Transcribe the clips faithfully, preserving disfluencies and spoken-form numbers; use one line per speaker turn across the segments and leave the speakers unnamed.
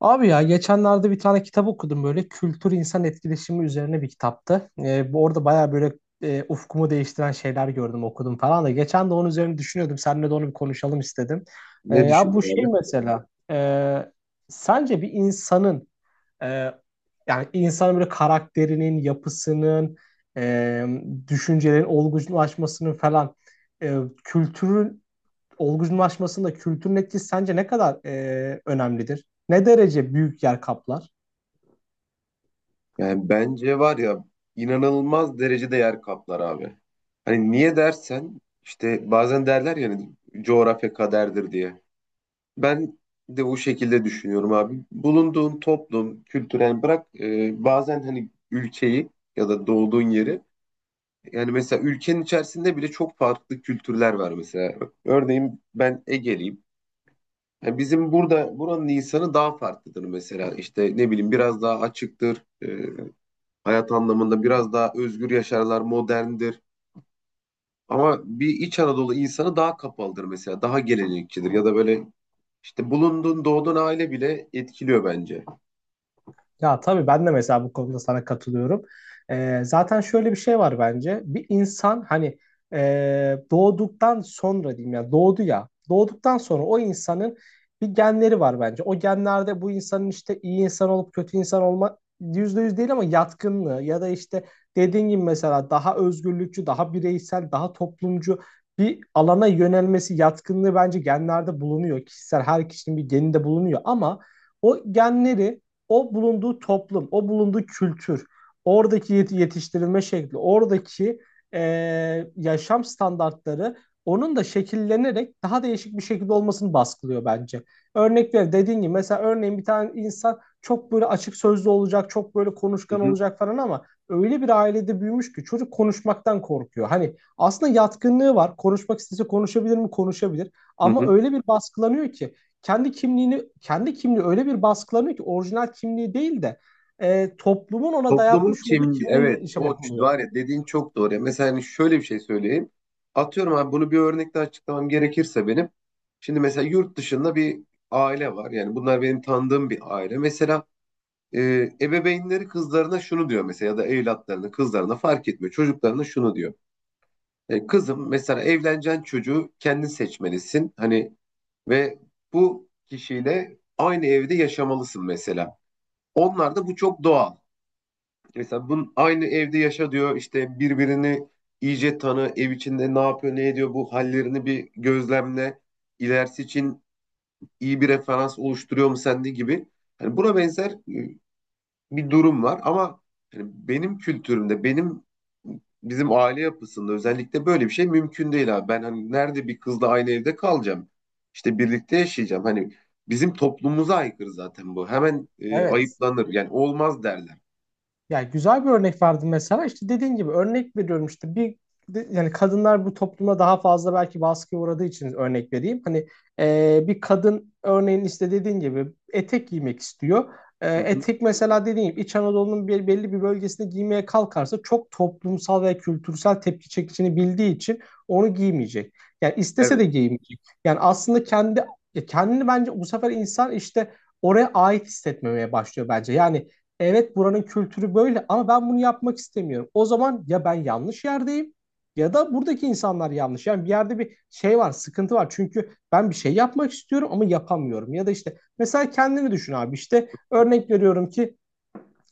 Abi ya geçenlerde bir tane kitap okudum böyle kültür insan etkileşimi üzerine bir kitaptı. Ee, bu orada baya böyle e, ufkumu değiştiren şeyler gördüm okudum falan da. Geçen de onun üzerine düşünüyordum. Seninle de onu bir konuşalım istedim. Ee,
Ne
ya
düşünür
bu şey
abi?
mesela, e, sence bir insanın, e, yani insanın böyle karakterinin, yapısının, e, düşüncelerin olgunlaşmasının falan, e, kültürün olgunlaşmasında kültürün etkisi sence ne kadar e, önemlidir? Ne derece büyük yer kaplar?
Yani bence var ya, inanılmaz derecede yer kaplar abi. Hani niye dersen, işte bazen derler ya hani, coğrafya kaderdir diye. Ben de o şekilde düşünüyorum abi. Bulunduğun toplum, kültürel bırak e, bazen hani ülkeyi ya da doğduğun yeri, yani mesela ülkenin içerisinde bile çok farklı kültürler var mesela. Örneğin ben Ege'liyim. Yani bizim burada buranın insanı daha farklıdır mesela. İşte ne bileyim, biraz daha açıktır. E, hayat anlamında biraz daha özgür yaşarlar, moderndir. Ama bir İç Anadolu insanı daha kapalıdır mesela, daha gelenekçidir ya da böyle işte bulunduğun, doğduğun aile bile etkiliyor bence.
Ya tabii ben de mesela bu konuda sana katılıyorum. Ee, zaten şöyle bir şey var bence. Bir insan hani e, doğduktan sonra diyeyim ya doğdu ya. Doğduktan sonra o insanın bir genleri var bence. O genlerde bu insanın işte iyi insan olup kötü insan olma yüzde yüz değil ama yatkınlığı ya da işte dediğin gibi mesela daha özgürlükçü, daha bireysel, daha toplumcu bir alana yönelmesi yatkınlığı bence genlerde bulunuyor. Kişisel her kişinin bir geninde bulunuyor ama o genleri o bulunduğu toplum, o bulunduğu kültür, oradaki yetiştirilme şekli, oradaki eee, yaşam standartları onun da şekillenerek daha değişik bir şekilde olmasını baskılıyor bence. Örnek ver dediğin gibi mesela örneğin bir tane insan çok böyle açık sözlü olacak, çok böyle
Hı
konuşkan
hı,
olacak falan ama öyle bir ailede büyümüş ki çocuk konuşmaktan korkuyor. Hani aslında yatkınlığı var. Konuşmak istese konuşabilir mi? Konuşabilir.
hı
Ama
hı.
öyle bir baskılanıyor ki kendi kimliğini kendi kimliği öyle bir baskılanıyor ki orijinal kimliği değil de e, toplumun ona
Toplumun
dayatmış olduğu
kim,
kimliğiyle
evet, o
yaşamak
ç-
oluyor.
var ya, dediğin çok doğru. Ya. Mesela hani şöyle bir şey söyleyeyim. Atıyorum abi, bunu bir örnekle açıklamam gerekirse benim. Şimdi mesela yurt dışında bir aile var. Yani bunlar benim tanıdığım bir aile. Mesela e, ebeveynleri kızlarına şunu diyor mesela, ya da evlatlarına, kızlarına fark etmiyor. Çocuklarına şunu diyor. E, kızım, mesela evleneceğin çocuğu kendin seçmelisin. Hani ve bu kişiyle aynı evde yaşamalısın mesela. Onlar da bu çok doğal. Mesela bunun aynı evde yaşa diyor, işte birbirini iyice tanı, ev içinde ne yapıyor, ne ediyor, bu hallerini bir gözlemle. İlerisi için iyi bir referans oluşturuyor mu sende gibi. Hani buna benzer e, bir durum var ama hani benim kültürümde, benim bizim aile yapısında özellikle böyle bir şey mümkün değil abi. Ben hani nerede bir kızla aynı evde kalacağım? İşte birlikte yaşayacağım. Hani bizim toplumumuza aykırı zaten bu. Hemen e,
Evet.
ayıplanır. Yani olmaz derler.
Ya güzel bir örnek verdim mesela. İşte dediğin gibi örnek veriyorum işte bir de- yani kadınlar bu topluma daha fazla belki baskıya uğradığı için örnek vereyim. Hani e, bir kadın örneğin işte dediğin gibi etek giymek istiyor. E,
Hı hı.
etek mesela dediğim gibi İç Anadolu'nun bir, belli bir bölgesinde giymeye kalkarsa çok toplumsal ve kültürel tepki çekeceğini bildiği için onu giymeyecek. Yani istese
Evet,
de giymeyecek. Yani aslında kendi ya kendini bence bu sefer insan işte oraya ait hissetmemeye başlıyor bence. Yani evet, buranın kültürü böyle ama ben bunu yapmak istemiyorum. O zaman ya ben yanlış yerdeyim ya da buradaki insanlar yanlış. Yani bir yerde bir şey var, sıkıntı var. Çünkü ben bir şey yapmak istiyorum ama yapamıyorum. Ya da işte mesela kendini düşün abi, işte örnek veriyorum ki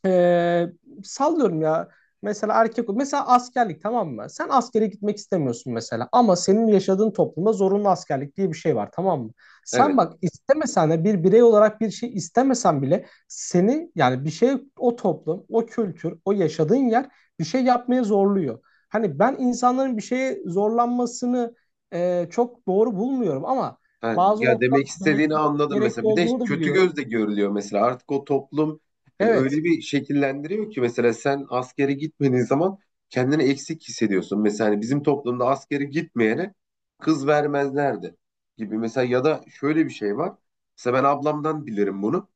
ee, sallıyorum ya. Mesela erkek, mesela askerlik, tamam mı? Sen askere gitmek istemiyorsun mesela ama senin yaşadığın toplumda zorunlu askerlik diye bir şey var, tamam mı? Sen
evet.
bak, istemesen de bir birey olarak bir şey istemesen bile seni, yani bir şey, o toplum, o kültür, o yaşadığın yer bir şey yapmaya zorluyor. Hani ben insanların bir şeye zorlanmasını e, çok doğru bulmuyorum ama
Ha,
bazı
ya demek
noktalarda
istediğini
gerekli,
anladım
gerekli
mesela. Bir de
olduğunu da
kötü
biliyorum.
gözle görülüyor mesela. Artık o toplum hani öyle
Evet.
bir şekillendiriyor ki, mesela sen askere gitmediğin zaman kendini eksik hissediyorsun. Mesela hani bizim toplumda askere gitmeyene kız vermezlerdi gibi. Mesela ya da şöyle bir şey var. Mesela ben ablamdan bilirim bunu.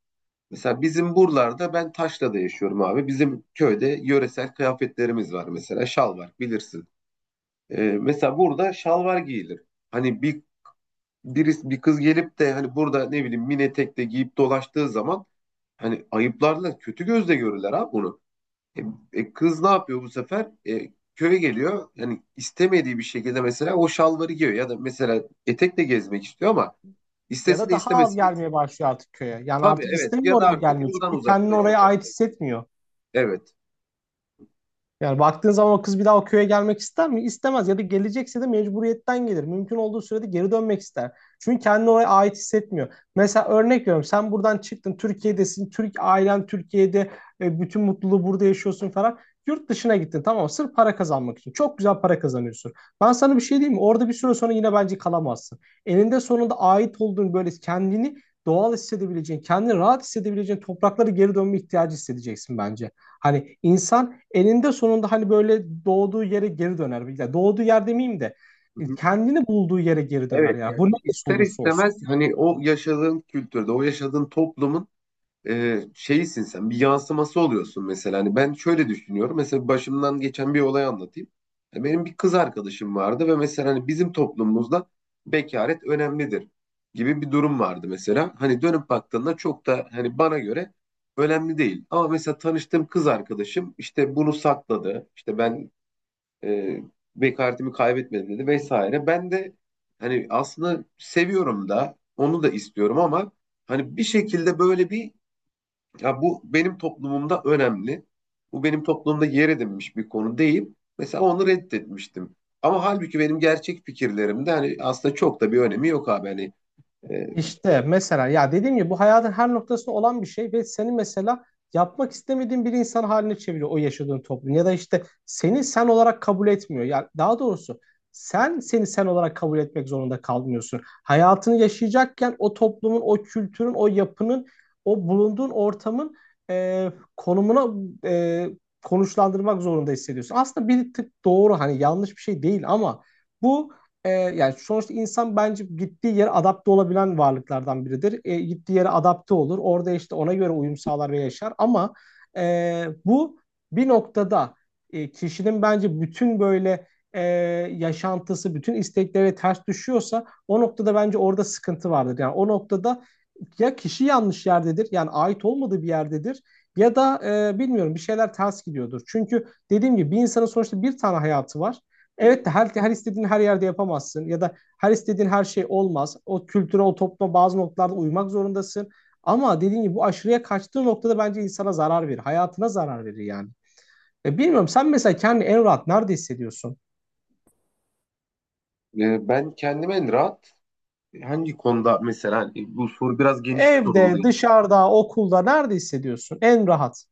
Mesela bizim buralarda, ben Taşla'da yaşıyorum abi. Bizim köyde yöresel kıyafetlerimiz var mesela. Şal var, bilirsin. Ee, mesela burada şalvar giyilir. Hani bir birisi, bir kız gelip de hani burada ne bileyim mini etek de giyip dolaştığı zaman, hani ayıplarla kötü gözle görürler abi bunu. E, e, Kız ne yapıyor bu sefer? E, köye geliyor. Yani istemediği bir şekilde mesela o şalvarı giyiyor ya da mesela etekle gezmek istiyor ama
Ya
istese
da
de
daha az
istemesi,
gelmeye başlıyor artık köye. Yani
tabii,
artık
evet, ya
istemiyor,
da
oraya
artık
gelmiyor.
buradan
Çünkü kendini oraya
uzaklaşıyor.
ait hissetmiyor.
Evet.
Yani baktığın zaman o kız bir daha o köye gelmek ister mi? İstemez, ya da gelecekse de mecburiyetten gelir. Mümkün olduğu sürede geri dönmek ister. Çünkü kendini oraya ait hissetmiyor. Mesela örnek veriyorum, sen buradan çıktın, Türkiye'desin. Türk ailen Türkiye'de, e, bütün mutluluğu burada yaşıyorsun falan. Yurt dışına gittin, tamam mı? Sırf para kazanmak için. Çok güzel para kazanıyorsun. Ben sana bir şey diyeyim mi? Orada bir süre sonra yine bence kalamazsın. Eninde sonunda ait olduğun, böyle kendini doğal hissedebileceğin, kendini rahat hissedebileceğin topraklara geri dönme ihtiyacı hissedeceksin bence. Hani insan elinde sonunda hani böyle doğduğu yere geri döner. Ya doğduğu yer demeyeyim de
Hı
e,
hı.
kendini bulduğu yere geri döner
Evet,
ya.
yani
Bu neresi
ister
olursa olsun.
istemez hani o yaşadığın kültürde, o yaşadığın toplumun e, şeysin, sen bir yansıması oluyorsun mesela. Hani ben şöyle düşünüyorum. Mesela başımdan geçen bir olay anlatayım. E, benim bir kız arkadaşım vardı ve mesela hani bizim toplumumuzda bekaret önemlidir gibi bir durum vardı mesela. Hani dönüp baktığında çok da hani bana göre önemli değil. Ama mesela tanıştığım kız arkadaşım işte bunu sakladı. İşte ben, e, bekaretimi kaybetmedim dedi vesaire. Ben de hani aslında seviyorum da, onu da istiyorum ama hani bir şekilde böyle bir ya, bu benim toplumumda önemli. Bu benim toplumda yer edinmiş bir konu deyip mesela onu reddetmiştim. Ama halbuki benim gerçek fikirlerimde hani aslında çok da bir önemi yok abi. Hani e,
İşte mesela ya dediğim gibi bu hayatın her noktasında olan bir şey ve seni mesela yapmak istemediğin bir insan haline çeviriyor o yaşadığın toplum ya da işte seni sen olarak kabul etmiyor. Ya daha doğrusu sen seni sen olarak kabul etmek zorunda kalmıyorsun. Hayatını yaşayacakken o toplumun, o kültürün, o yapının, o bulunduğun ortamın e, konumuna e, konuşlandırmak zorunda hissediyorsun. Aslında bir tık doğru, hani yanlış bir şey değil ama bu e, yani sonuçta insan bence gittiği yere adapte olabilen varlıklardan biridir. E, gittiği yere adapte olur. Orada işte ona göre uyum sağlar ve yaşar. Ama e, bu bir noktada, e, kişinin bence bütün böyle e, yaşantısı, bütün istekleri ters düşüyorsa o noktada bence orada sıkıntı vardır. Yani o noktada ya kişi yanlış yerdedir, yani ait olmadığı bir yerdedir. Ya da e, bilmiyorum, bir şeyler ters gidiyordur. Çünkü dediğim gibi bir insanın sonuçta bir tane hayatı var. Evet de her, her istediğin her yerde yapamazsın ya da her istediğin her şey olmaz. O kültüre, o topluma bazı noktalarda uymak zorundasın. Ama dediğim gibi bu aşırıya kaçtığı noktada bence insana zarar verir. Hayatına zarar verir yani. E bilmiyorum, sen mesela kendini en rahat nerede hissediyorsun?
e, ben kendime en rahat hangi konuda mesela, hani bu soru biraz geniş bir soru oldu.
Evde, dışarıda, okulda nerede hissediyorsun en rahat?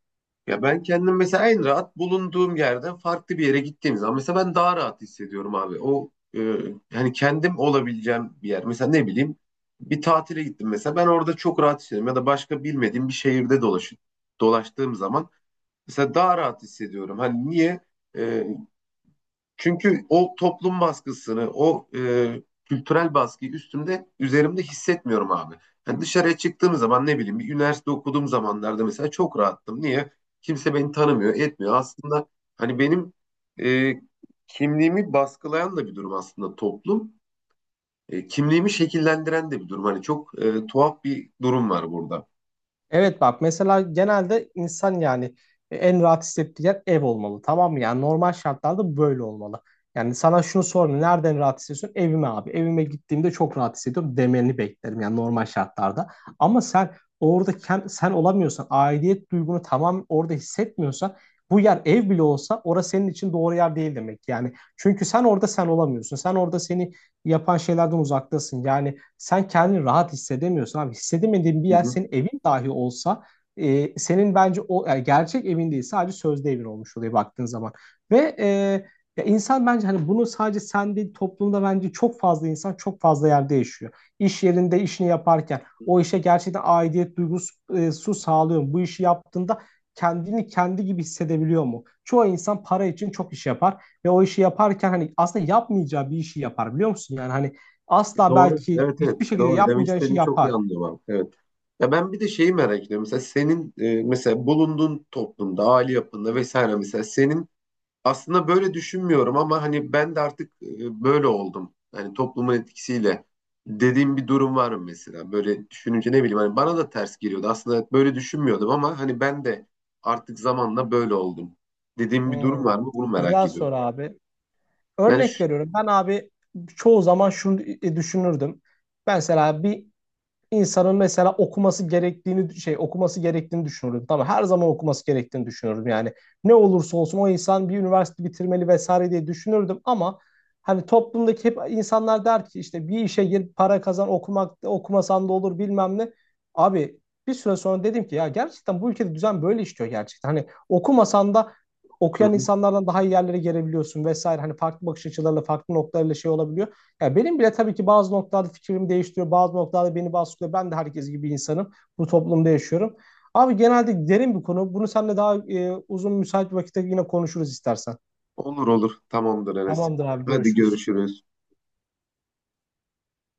Ya ben kendim mesela en rahat bulunduğum yerden farklı bir yere gittiğim zaman mesela ben daha rahat hissediyorum abi. O e, yani kendim olabileceğim bir yer. Mesela ne bileyim, bir tatile gittim mesela, ben orada çok rahat hissediyorum, ya da başka bilmediğim bir şehirde dolaş, dolaştığım zaman mesela daha rahat hissediyorum. Hani niye? E, Çünkü o toplum baskısını, o e, kültürel baskıyı üstümde, üzerimde hissetmiyorum abi. Yani dışarıya çıktığım zaman ne bileyim, bir üniversite okuduğum zamanlarda mesela çok rahattım. Niye? Kimse beni tanımıyor, etmiyor. Aslında hani benim e, kimliğimi baskılayan da bir durum aslında toplum. E, kimliğimi şekillendiren de bir durum. Hani çok e, tuhaf bir durum var burada.
Evet, bak mesela genelde insan yani e, en rahat hissettiği yer ev olmalı, tamam mı? Yani normal şartlarda böyle olmalı. Yani sana şunu sorayım, nereden rahat hissediyorsun? Evime abi. Evime gittiğimde çok rahat hissediyorum demeni beklerim yani normal şartlarda. Ama sen orada kend- sen olamıyorsan, aidiyet duygunu tamam orada hissetmiyorsan, bu yer ev bile olsa orası senin için doğru yer değil demek yani. Çünkü sen orada sen olamıyorsun. Sen orada seni yapan şeylerden uzaktasın. Yani sen kendini rahat hissedemiyorsun abi. Hissedemediğin bir
Hı
yer
hı.
senin evin dahi olsa e, senin bence o, yani gerçek evin değil, sadece sözde evin olmuş oluyor baktığın zaman. Ve e, ya insan bence hani bunu sadece sen değil, toplumda bence çok fazla insan çok fazla yerde yaşıyor. İş yerinde işini yaparken o işe gerçekten aidiyet duygusu sağlıyor mu? Bu işi yaptığında kendini kendi gibi hissedebiliyor mu? Çoğu insan para için çok iş yapar ve o işi yaparken hani aslında yapmayacağı bir işi yapar biliyor musun? Yani hani asla
Doğru.
belki
Evet, evet.
bir şekilde
Doğru. Demek
yapmayacağın işi
istediğini çok iyi
yapar.
anlıyorum abi. Evet. Ya ben bir de şeyi merak ediyorum. Mesela senin e, mesela bulunduğun toplumda, aile yapında vesaire, mesela senin aslında böyle düşünmüyorum ama hani ben de artık e, böyle oldum. Hani toplumun etkisiyle dediğim bir durum var mı mesela? Böyle düşününce ne bileyim, hani bana da ters geliyordu. Aslında böyle düşünmüyordum ama hani ben de artık zamanla böyle oldum. Dediğim bir durum
Hmm,
var mı? Bunu merak
güzel
ediyorum.
soru abi.
Yani
Örnek
şu...
veriyorum. Ben abi çoğu zaman şunu e, düşünürdüm. Ben mesela bir insanın mesela okuması gerektiğini şey okuması gerektiğini düşünürdüm. Tamam, her zaman okuması gerektiğini düşünürdüm. Yani ne olursa olsun o insan bir üniversite bitirmeli vesaire diye düşünürdüm ama hani toplumdaki hep insanlar der ki işte bir işe gir, para kazan, okumak okumasan da olur bilmem ne. Abi bir süre sonra dedim ki ya gerçekten bu ülkede düzen böyle işliyor gerçekten. Hani okumasan da
Hı
okuyan
hı.
insanlardan daha iyi yerlere gelebiliyorsun vesaire. Hani farklı bakış açılarıyla, farklı noktalarıyla şey olabiliyor. Ya benim bile tabii ki bazı noktalarda fikrim değiştiriyor, bazı noktalarda beni baskılıyor. Ben de herkes gibi insanım. Bu toplumda yaşıyorum. Abi genelde derin bir konu. Bunu seninle daha e, uzun müsait bir vakitte yine konuşuruz istersen.
Olur olur. Tamamdır Enes.
Tamamdır abi,
Hadi
görüşürüz.
görüşürüz.